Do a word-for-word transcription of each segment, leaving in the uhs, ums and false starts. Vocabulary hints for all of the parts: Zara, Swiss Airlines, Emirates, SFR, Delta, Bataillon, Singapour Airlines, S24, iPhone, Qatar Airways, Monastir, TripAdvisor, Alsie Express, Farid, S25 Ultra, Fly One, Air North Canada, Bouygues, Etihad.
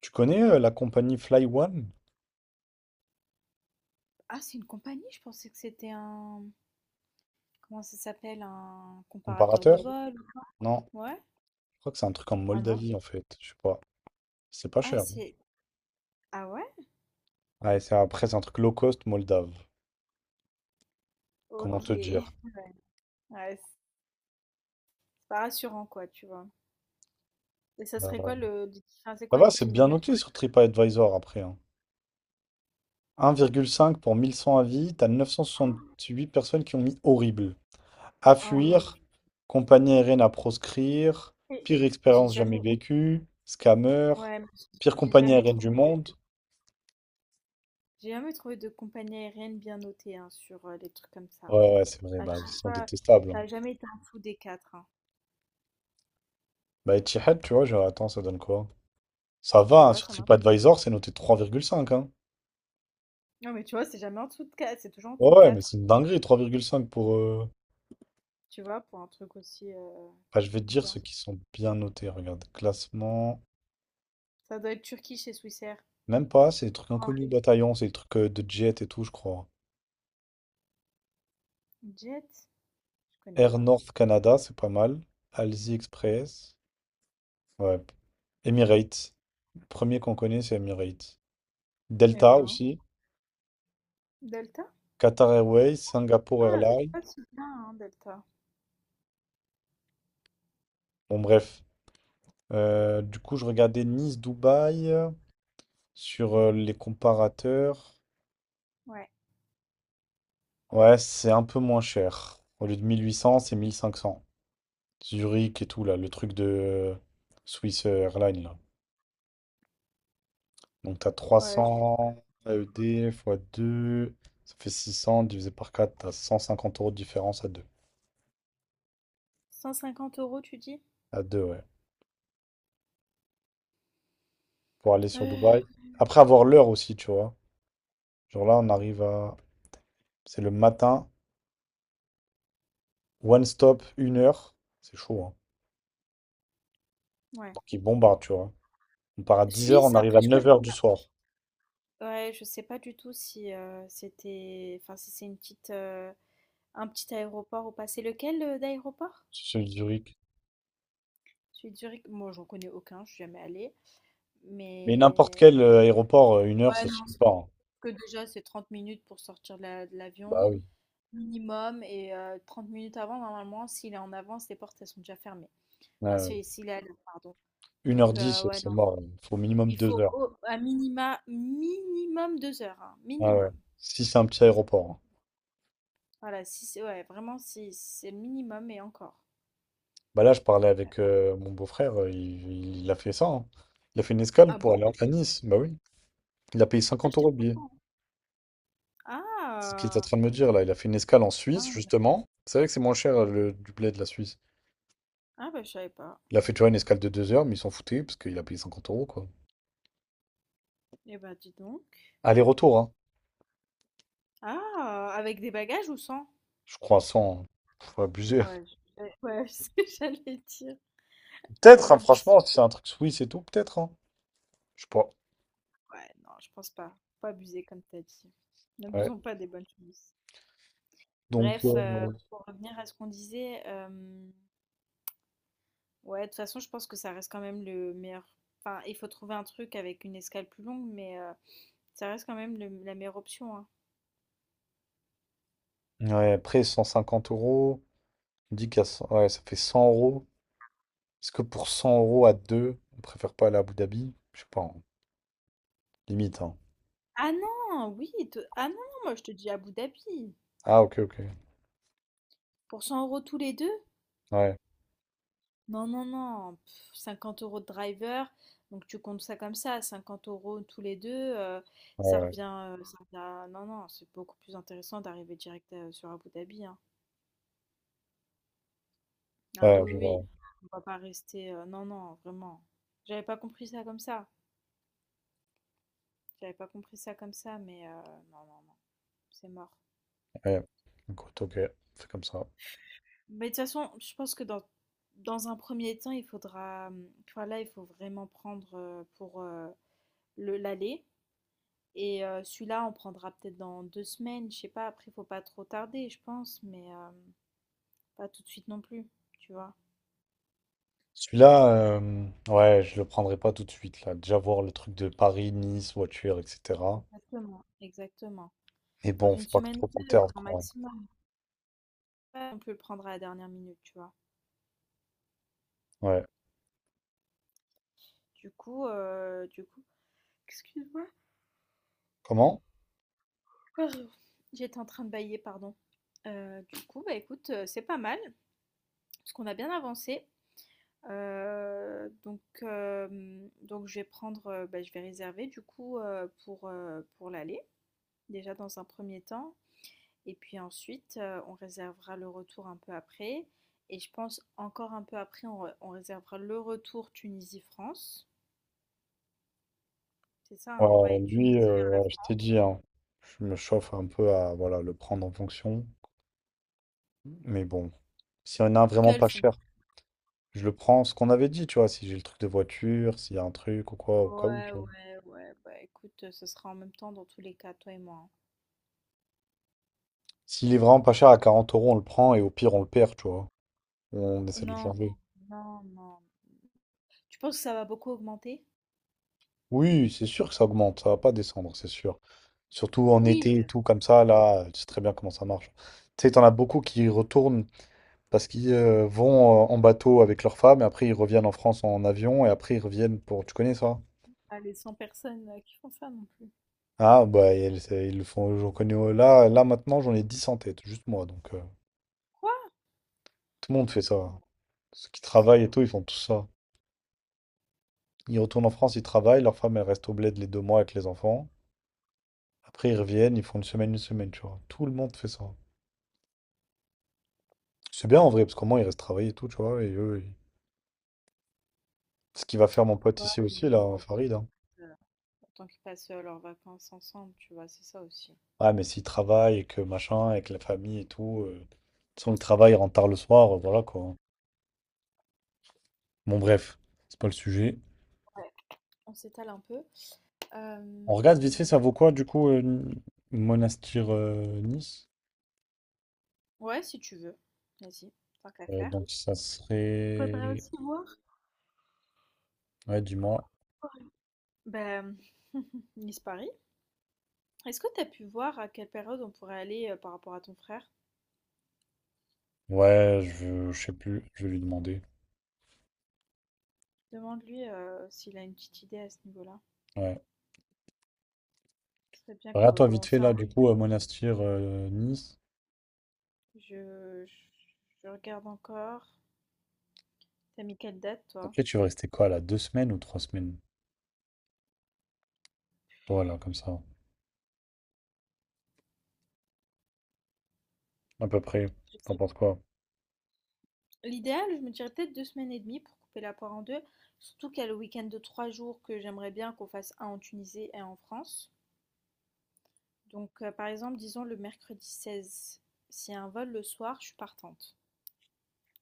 Tu connais euh, la compagnie Fly One, Ah, c'est une compagnie? Je pensais que c'était un... Comment ça s'appelle? Un comparateur de comparateur? vol? Non, Ouais? je crois que c'est un truc en Ah non? Moldavie en fait, je sais pas. C'est pas Ah, cher, hein. c'est... Ah ouais? Ouais, c'est après c'est un truc low cost moldave, comment Ok. te dire. Ouais, c'est c'est pas rassurant, quoi, tu vois. Et ça serait quoi Euh, le... l'iti- Enfin, c'est Ça quoi va, c'est bien l'itinéraire? tu- noté sur TripAdvisor après, hein. un virgule cinq pour mille cent avis, t'as neuf cent soixante-huit personnes qui ont mis horrible. À Oh mon Dieu. fuir, compagnie aérienne à proscrire, Et pire J'ai expérience jamais... jamais vécue, scammer, Ouais, mais j'ai pire j'ai compagnie jamais aérienne du trouvé de... monde. J'ai jamais trouvé de compagnie aérienne bien notée, hein, sur euh, les trucs comme ça. Ouais, ouais, ouais, c'est vrai, À bah, ils chaque sont fois, détestables, ça hein. a jamais été en dessous des quatre, hein. Bah, Etihad, tu vois, genre, attends, ça donne quoi? Ça Tu va, hein, vois, sur ça marche. TripAdvisor, c'est noté trois virgule cinq, hein. Non, mais tu vois, c'est jamais en dessous de quatre. C'est toujours en Ouais, dessous de ouais, mais quatre. c'est une dinguerie, trois virgule cinq pour... euh, Tu vois, pour un truc aussi... euh, Enfin, je vais te dire Bien. ceux qui sont bien notés, regarde. Classement... Ça doit être Turquie chez Swissair. Même pas, c'est des trucs Ah, inconnus, Bataillon, c'est des trucs euh, de jet et tout, je crois. Jet? Je connais Air pas. North Canada, c'est pas mal. Alsie Express. Ouais. Emirates. Le premier qu'on connaît, c'est Emirates. Eh Delta ben, aussi. Delta? Qatar Airways, Singapour Ah, euh, Airlines. pas si bien, hein, Delta. Bon, bref. Euh, du coup, je regardais Nice, Dubaï. Sur euh, les comparateurs, Ouais. ouais, c'est un peu moins cher. Au lieu de mille huit cents, c'est mille cinq cents. Zurich et tout, là, le truc de euh, Swiss Airlines, là. Donc, t'as Ouais. je- trois cents A E D fois deux, ça fait six cents divisé par quatre, t'as cent cinquante euros de différence à deux. Cent cinquante euros, tu dis? À deux, ouais. Pour aller sur euh, Dubaï. Après avoir l'heure aussi, tu vois. Genre là, on arrive à. C'est le matin, one stop, une heure. C'est chaud, hein. Ouais. Donc, ils bombardent, tu vois. On part à dix heures, Suisse, on arrive à après, je neuf connais. heures du soir. Ouais, je sais pas du tout si euh, c'était. Enfin, si c'est une petite, euh, un petit aéroport ou pas. C'est lequel euh, d'aéroport? C'est celui de Zurich. Celui de Zurich? Moi, j'en connais aucun, je suis jamais allée. Mais n'importe Mais. quel euh, aéroport, euh, une heure, Ouais, ça non, suffit c'est- pas, hein. que déjà, c'est trente minutes pour sortir de la- de Bah l'avion. oui. Minimum, et heu, trente minutes avant, normalement, s'il est en avance, les portes, elles sont déjà fermées. Ouais, Enfin, ouais. si s'il est à l'heure, pardon. Une Donc heure heu, dix, euh, ouais, c'est non, mort. Il faut au minimum il deux faut heures. au à minima, minimum deux heures, hein, Ah ouais. minimum. Si c'est un petit aéroport, hein. Voilà, si c'est ouais, vraiment, si si c'est le minimum et encore. Bah là, je parlais Ouais. avec euh, mon beau-frère, euh, il, il a fait ça, hein. Il a fait une escale Ah pour bon? aller à Nice. Bah oui. Il a payé Ah, 50 j'étais euros le pas au billet. courant. C'est ce qu'il est en Ah! train de me dire là. Il a fait une escale en Suisse, Dingue. justement. C'est vrai que c'est moins cher euh, le du blé de la Suisse. Ah bah, je savais pas. Il a fait, tu vois, une escale de deux heures, mais ils s'en foutaient parce qu'il a payé cinquante euros, quoi. Eh bah, dis donc. Aller-retour, hein. Ah! Avec des bagages ou sans? Je crois, sans. Faut abuser. Ouais, je ouais, c'est ce que j'allais dire la Peut-être, hein, vue, tu franchement, sais. si c'est un truc Suisse et tout, peut-être, hein. Je sais pas. Ouais, non, je pense pas. Faut pas abuser, comme t'as dit. Ouais. N'abusons pas des bonnes choses. Donc, Bref, euh, euh, pour revenir à ce qu'on disait, euh, ouais, de toute façon, je pense que ça reste quand même le meilleur. Enfin, il faut trouver un truc avec une escale plus longue, mais euh, ça reste quand même le- la meilleure option, hein. ouais, après cent cinquante euros, on dit qu'à cent ouais, ça fait cent euros. Est-ce que pour cent euros à deux, on préfère pas aller à Abu Dhabi? Je sais pas, hein. Limite, hein. Ah non, oui, te- ah non, moi je te dis Abu Dhabi. Ah, ok, ok. Pour cent euros tous les deux, Ouais, non, non, non, pff, cinquante euros de driver, donc tu comptes ça comme ça, cinquante euros tous les deux, euh, ouais, ça ouais, revient, euh, ça revient- à- Non, non, c'est beaucoup plus intéressant d'arriver direct euh, sur Abu Dhabi, hein. Ah ouais, oui, je oui, vois. oui, on va pas rester... euh, non, non, vraiment. J'avais pas compris ça comme ça, j'avais pas compris ça comme ça, mais euh, non, non, non, c'est mort. Ouais. Écoute, ok, c'est comme ça. Mais de toute façon, je pense que dans, dans un premier temps, il faudra... euh, Enfin là, il faut vraiment prendre euh, pour euh, le l'aller. Et euh, celui-là, on prendra peut-être dans deux semaines, je sais pas, après, faut pas trop tarder, je pense, mais euh, pas tout de suite non plus, tu vois. Celui-là, euh, ouais, je le prendrai pas tout de suite, là. Déjà voir le truc de Paris, Nice, voiture, et cetera. Exactement. Exactement. Mais Dans bon, une faut pas que semaine trop ou qu'on deux, tarde, grand quoi. maximum. Ouais, on peut le prendre à la dernière minute, tu vois. Ouais. Du coup, euh, du coup, excuse-moi, Comment? pardon. J'étais en train de bailler, pardon. Euh, du coup, bah écoute, euh, c'est pas mal, parce qu'on a bien avancé. Euh, donc, euh, donc je vais prendre, euh, bah, je vais réserver du coup euh, pour, euh, pour l'aller, déjà dans un premier temps. Et puis ensuite, euh, on réservera le retour un peu après. Et je pense encore un peu après, on, on réservera le retour Tunisie-France. C'est ça, hein. Ouais, Ouais, lui, Tunisie euh, vers la ouais, je t'ai France. dit, hein, je me chauffe un peu à voilà, le prendre en fonction. Mais bon, s'il y en a un vraiment Quel pas font cher, je le prends. Ce qu'on avait dit, tu vois, si j'ai le truc de voiture, s'il y a un truc ou quoi, au cas où, tu Ouais, vois. ouais, ouais. Bah écoute, euh, ce sera en même temps dans tous les cas, toi et moi, hein. S'il est vraiment pas cher à quarante euros, on le prend et au pire, on le perd, tu vois. On Oh, essaie de le non, changer. non, non, non. Tu penses que ça va beaucoup augmenter? Oui, c'est sûr que ça augmente, ça va pas descendre, c'est sûr. Surtout en Oui, été et euh, tout, comme ça, là, tu sais très bien comment ça marche. Tu sais, t'en as beaucoup qui retournent parce qu'ils euh, vont euh, en bateau avec leurs femmes, et après ils reviennent en France en avion, et après ils reviennent pour... Tu connais ça? pas les cent personnes euh, qui font ça non plus. Ah, bah ils, c'est- ils le font, j'en connais... euh, Là, là maintenant, j'en ai dix en tête, juste moi. Donc euh, Quoi? tout le monde fait ça. Ouais, Ceux qui je sais travaillent et tout, ils font tout ça. Ils retournent en France, ils travaillent, leur femme elle reste au bled les deux mois avec les enfants. Après ils reviennent, ils font une semaine, une semaine, tu vois. Tout le monde fait ça. C'est bien en vrai, parce qu'au moins ils restent travailler et tout, tu vois. Et eux, ils- Ce qu'il va faire mon pote pas. Ouais, ici aussi, mais là, bon, Farid, hein. euh, autant qu'ils passent euh, leurs vacances ensemble, tu vois, c'est ça aussi. Ouais, mais s'il travaille et que machin, avec la famille et tout, euh, de toute façon, le travail rentre tard le soir, euh, voilà quoi. Bon, bref, c'est pas le sujet. On s'étale un peu. On regarde vite fait, Euh, ça vaut quoi du coup, euh, Monastir euh, Nice? Ouais, si tu veux. Vas-y, tant qu'à Euh, faire. Donc ça Il faudrait serait. aussi voir. Ouais, dis-moi. Ben, Miss Paris, est-ce que tu as pu voir à quelle période on pourrait aller euh, par rapport à ton frère? Ouais, je, je sais plus, je vais lui demander. Demande-lui euh, s'il a une petite idée à ce niveau-là. Ouais. Ce serait bien que, Regarde-toi vite bon, fait là, ça, du coup, euh, Monastir euh, Nice. on- je, je, je regarde encore. T'as mis quelle date, toi? Après, tu vas rester quoi là? Deux semaines ou trois semaines? Voilà, comme ça, à peu près. Je sais. T'en penses quoi? L'idéal, je me dirais peut-être deux semaines et demie pour couper la poire en deux. Surtout qu'il y a le week-end de trois jours que j'aimerais bien qu'on fasse un en Tunisie et un en France. Donc, euh, par exemple, disons le mercredi seize. S'il y a un vol le soir, je suis partante,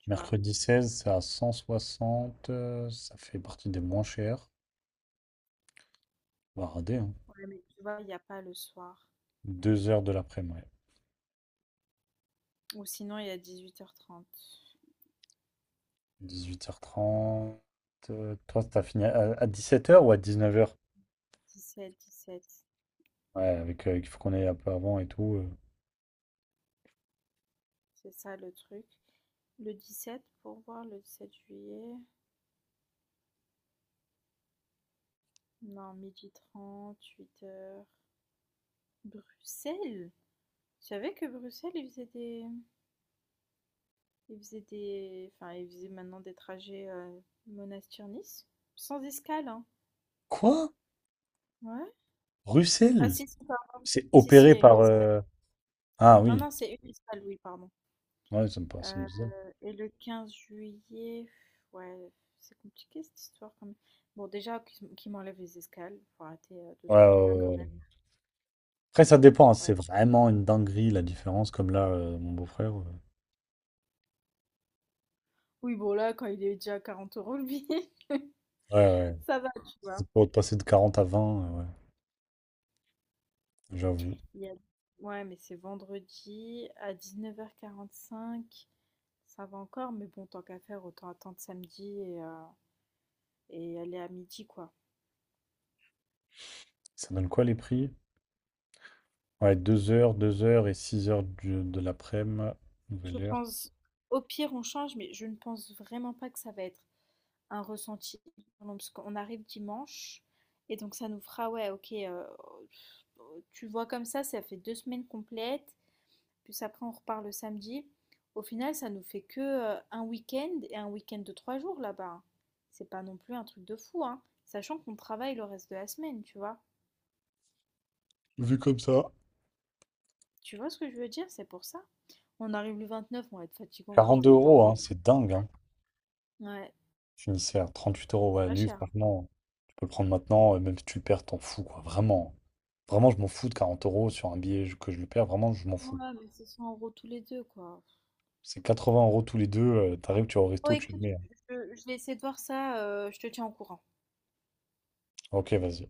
tu vois. Mercredi seize, c'est à cent soixante. euh, Ça fait partie des moins chers. On va rader, hein. Ouais, mais tu vois, il n'y a pas le soir. 2 heures de l'après-midi. Ouais. Ou sinon, il y a dix-huit heures trente, dix-huit heures trente. euh, Toi, t'as fini à, à dix-sept heures ou à dix-neuf heures? dix-sept dix-sept, Ouais, avec, euh, il faut qu'on aille un peu avant et tout. euh. C'est ça le truc. Le dix-sept pour voir le sept juillet. Non, midi trente, huit heures. Bruxelles? Tu savais que Bruxelles, ils faisaient des... ils faisaient des... Enfin, ils faisaient maintenant des trajets euh, Monastir-Nice? Sans escale, hein. Quoi? Ouais. Ah Bruxelles? si, si, pardon. C'est Si, si, il opéré y a une par. escale. euh, Ah Non, oui. non, c'est une escale, oui, pardon. Ouais, ça me paraît assez Euh, bizarre. et le quinze juillet, ouais, c'est compliqué cette histoire quand même. Bon, déjà, qu'ils m- qu'ils les escales, faut arrêter euh, deux Ouais, secondes ouais, là quand ouais. Ouais. même. Après, ça dépend, hein. Ouais. C'est vraiment une dinguerie la différence. Comme là, euh, mon beau-frère. euh. Oui, bon, là, quand il est déjà à quarante euros le billet, Ouais, ouais. ça va, tu vois. C'est pour passer de quarante à vingt. Euh, ouais, j'avoue. Il y a- Ouais, mais c'est vendredi à dix neuf heures quarante cinq, ça va encore, mais bon, tant qu'à faire, autant attendre samedi et, euh, et aller à midi, quoi. Ça donne quoi les prix? Ouais, deux heures, deux heures et six heures du- de l'après-midi, Je nouvelle heure. pense, au pire, on change, mais je ne pense vraiment pas que ça va être un ressenti, parce qu'on arrive dimanche, et donc ça nous fera, ouais, ok, euh, tu vois comme ça, ça fait deux semaines complètes, puis après on repart le samedi. Au final, ça nous fait que euh, un week-end et un week-end de trois jours là-bas. C'est pas non plus un truc de fou, hein, sachant qu'on travaille le reste de la semaine, tu vois. Vu comme ça. Tu vois ce que je veux dire, c'est pour ça. On arrive le vingt-neuf, on va être fatigué, on va juste 42 aller euros, hein, dormir. c'est dingue. Hein. Ouais, Finissait à trente huit euros. Ouais, pas lui, cher. franchement, tu peux le prendre maintenant, euh, même si tu le perds, t'en fous, quoi. Vraiment. Vraiment, je m'en fous de quarante euros sur un billet je- que je le perds. Vraiment, je m'en fous. Ouais, mais c'est cent euros tous les deux, quoi. C'est quatre-vingts euros tous les deux. euh, T'arrives, tu vas au Bon resto, tu le écoute, mets, hein. je je vais essayer de voir ça, heu, je te tiens au courant. Ok, vas-y.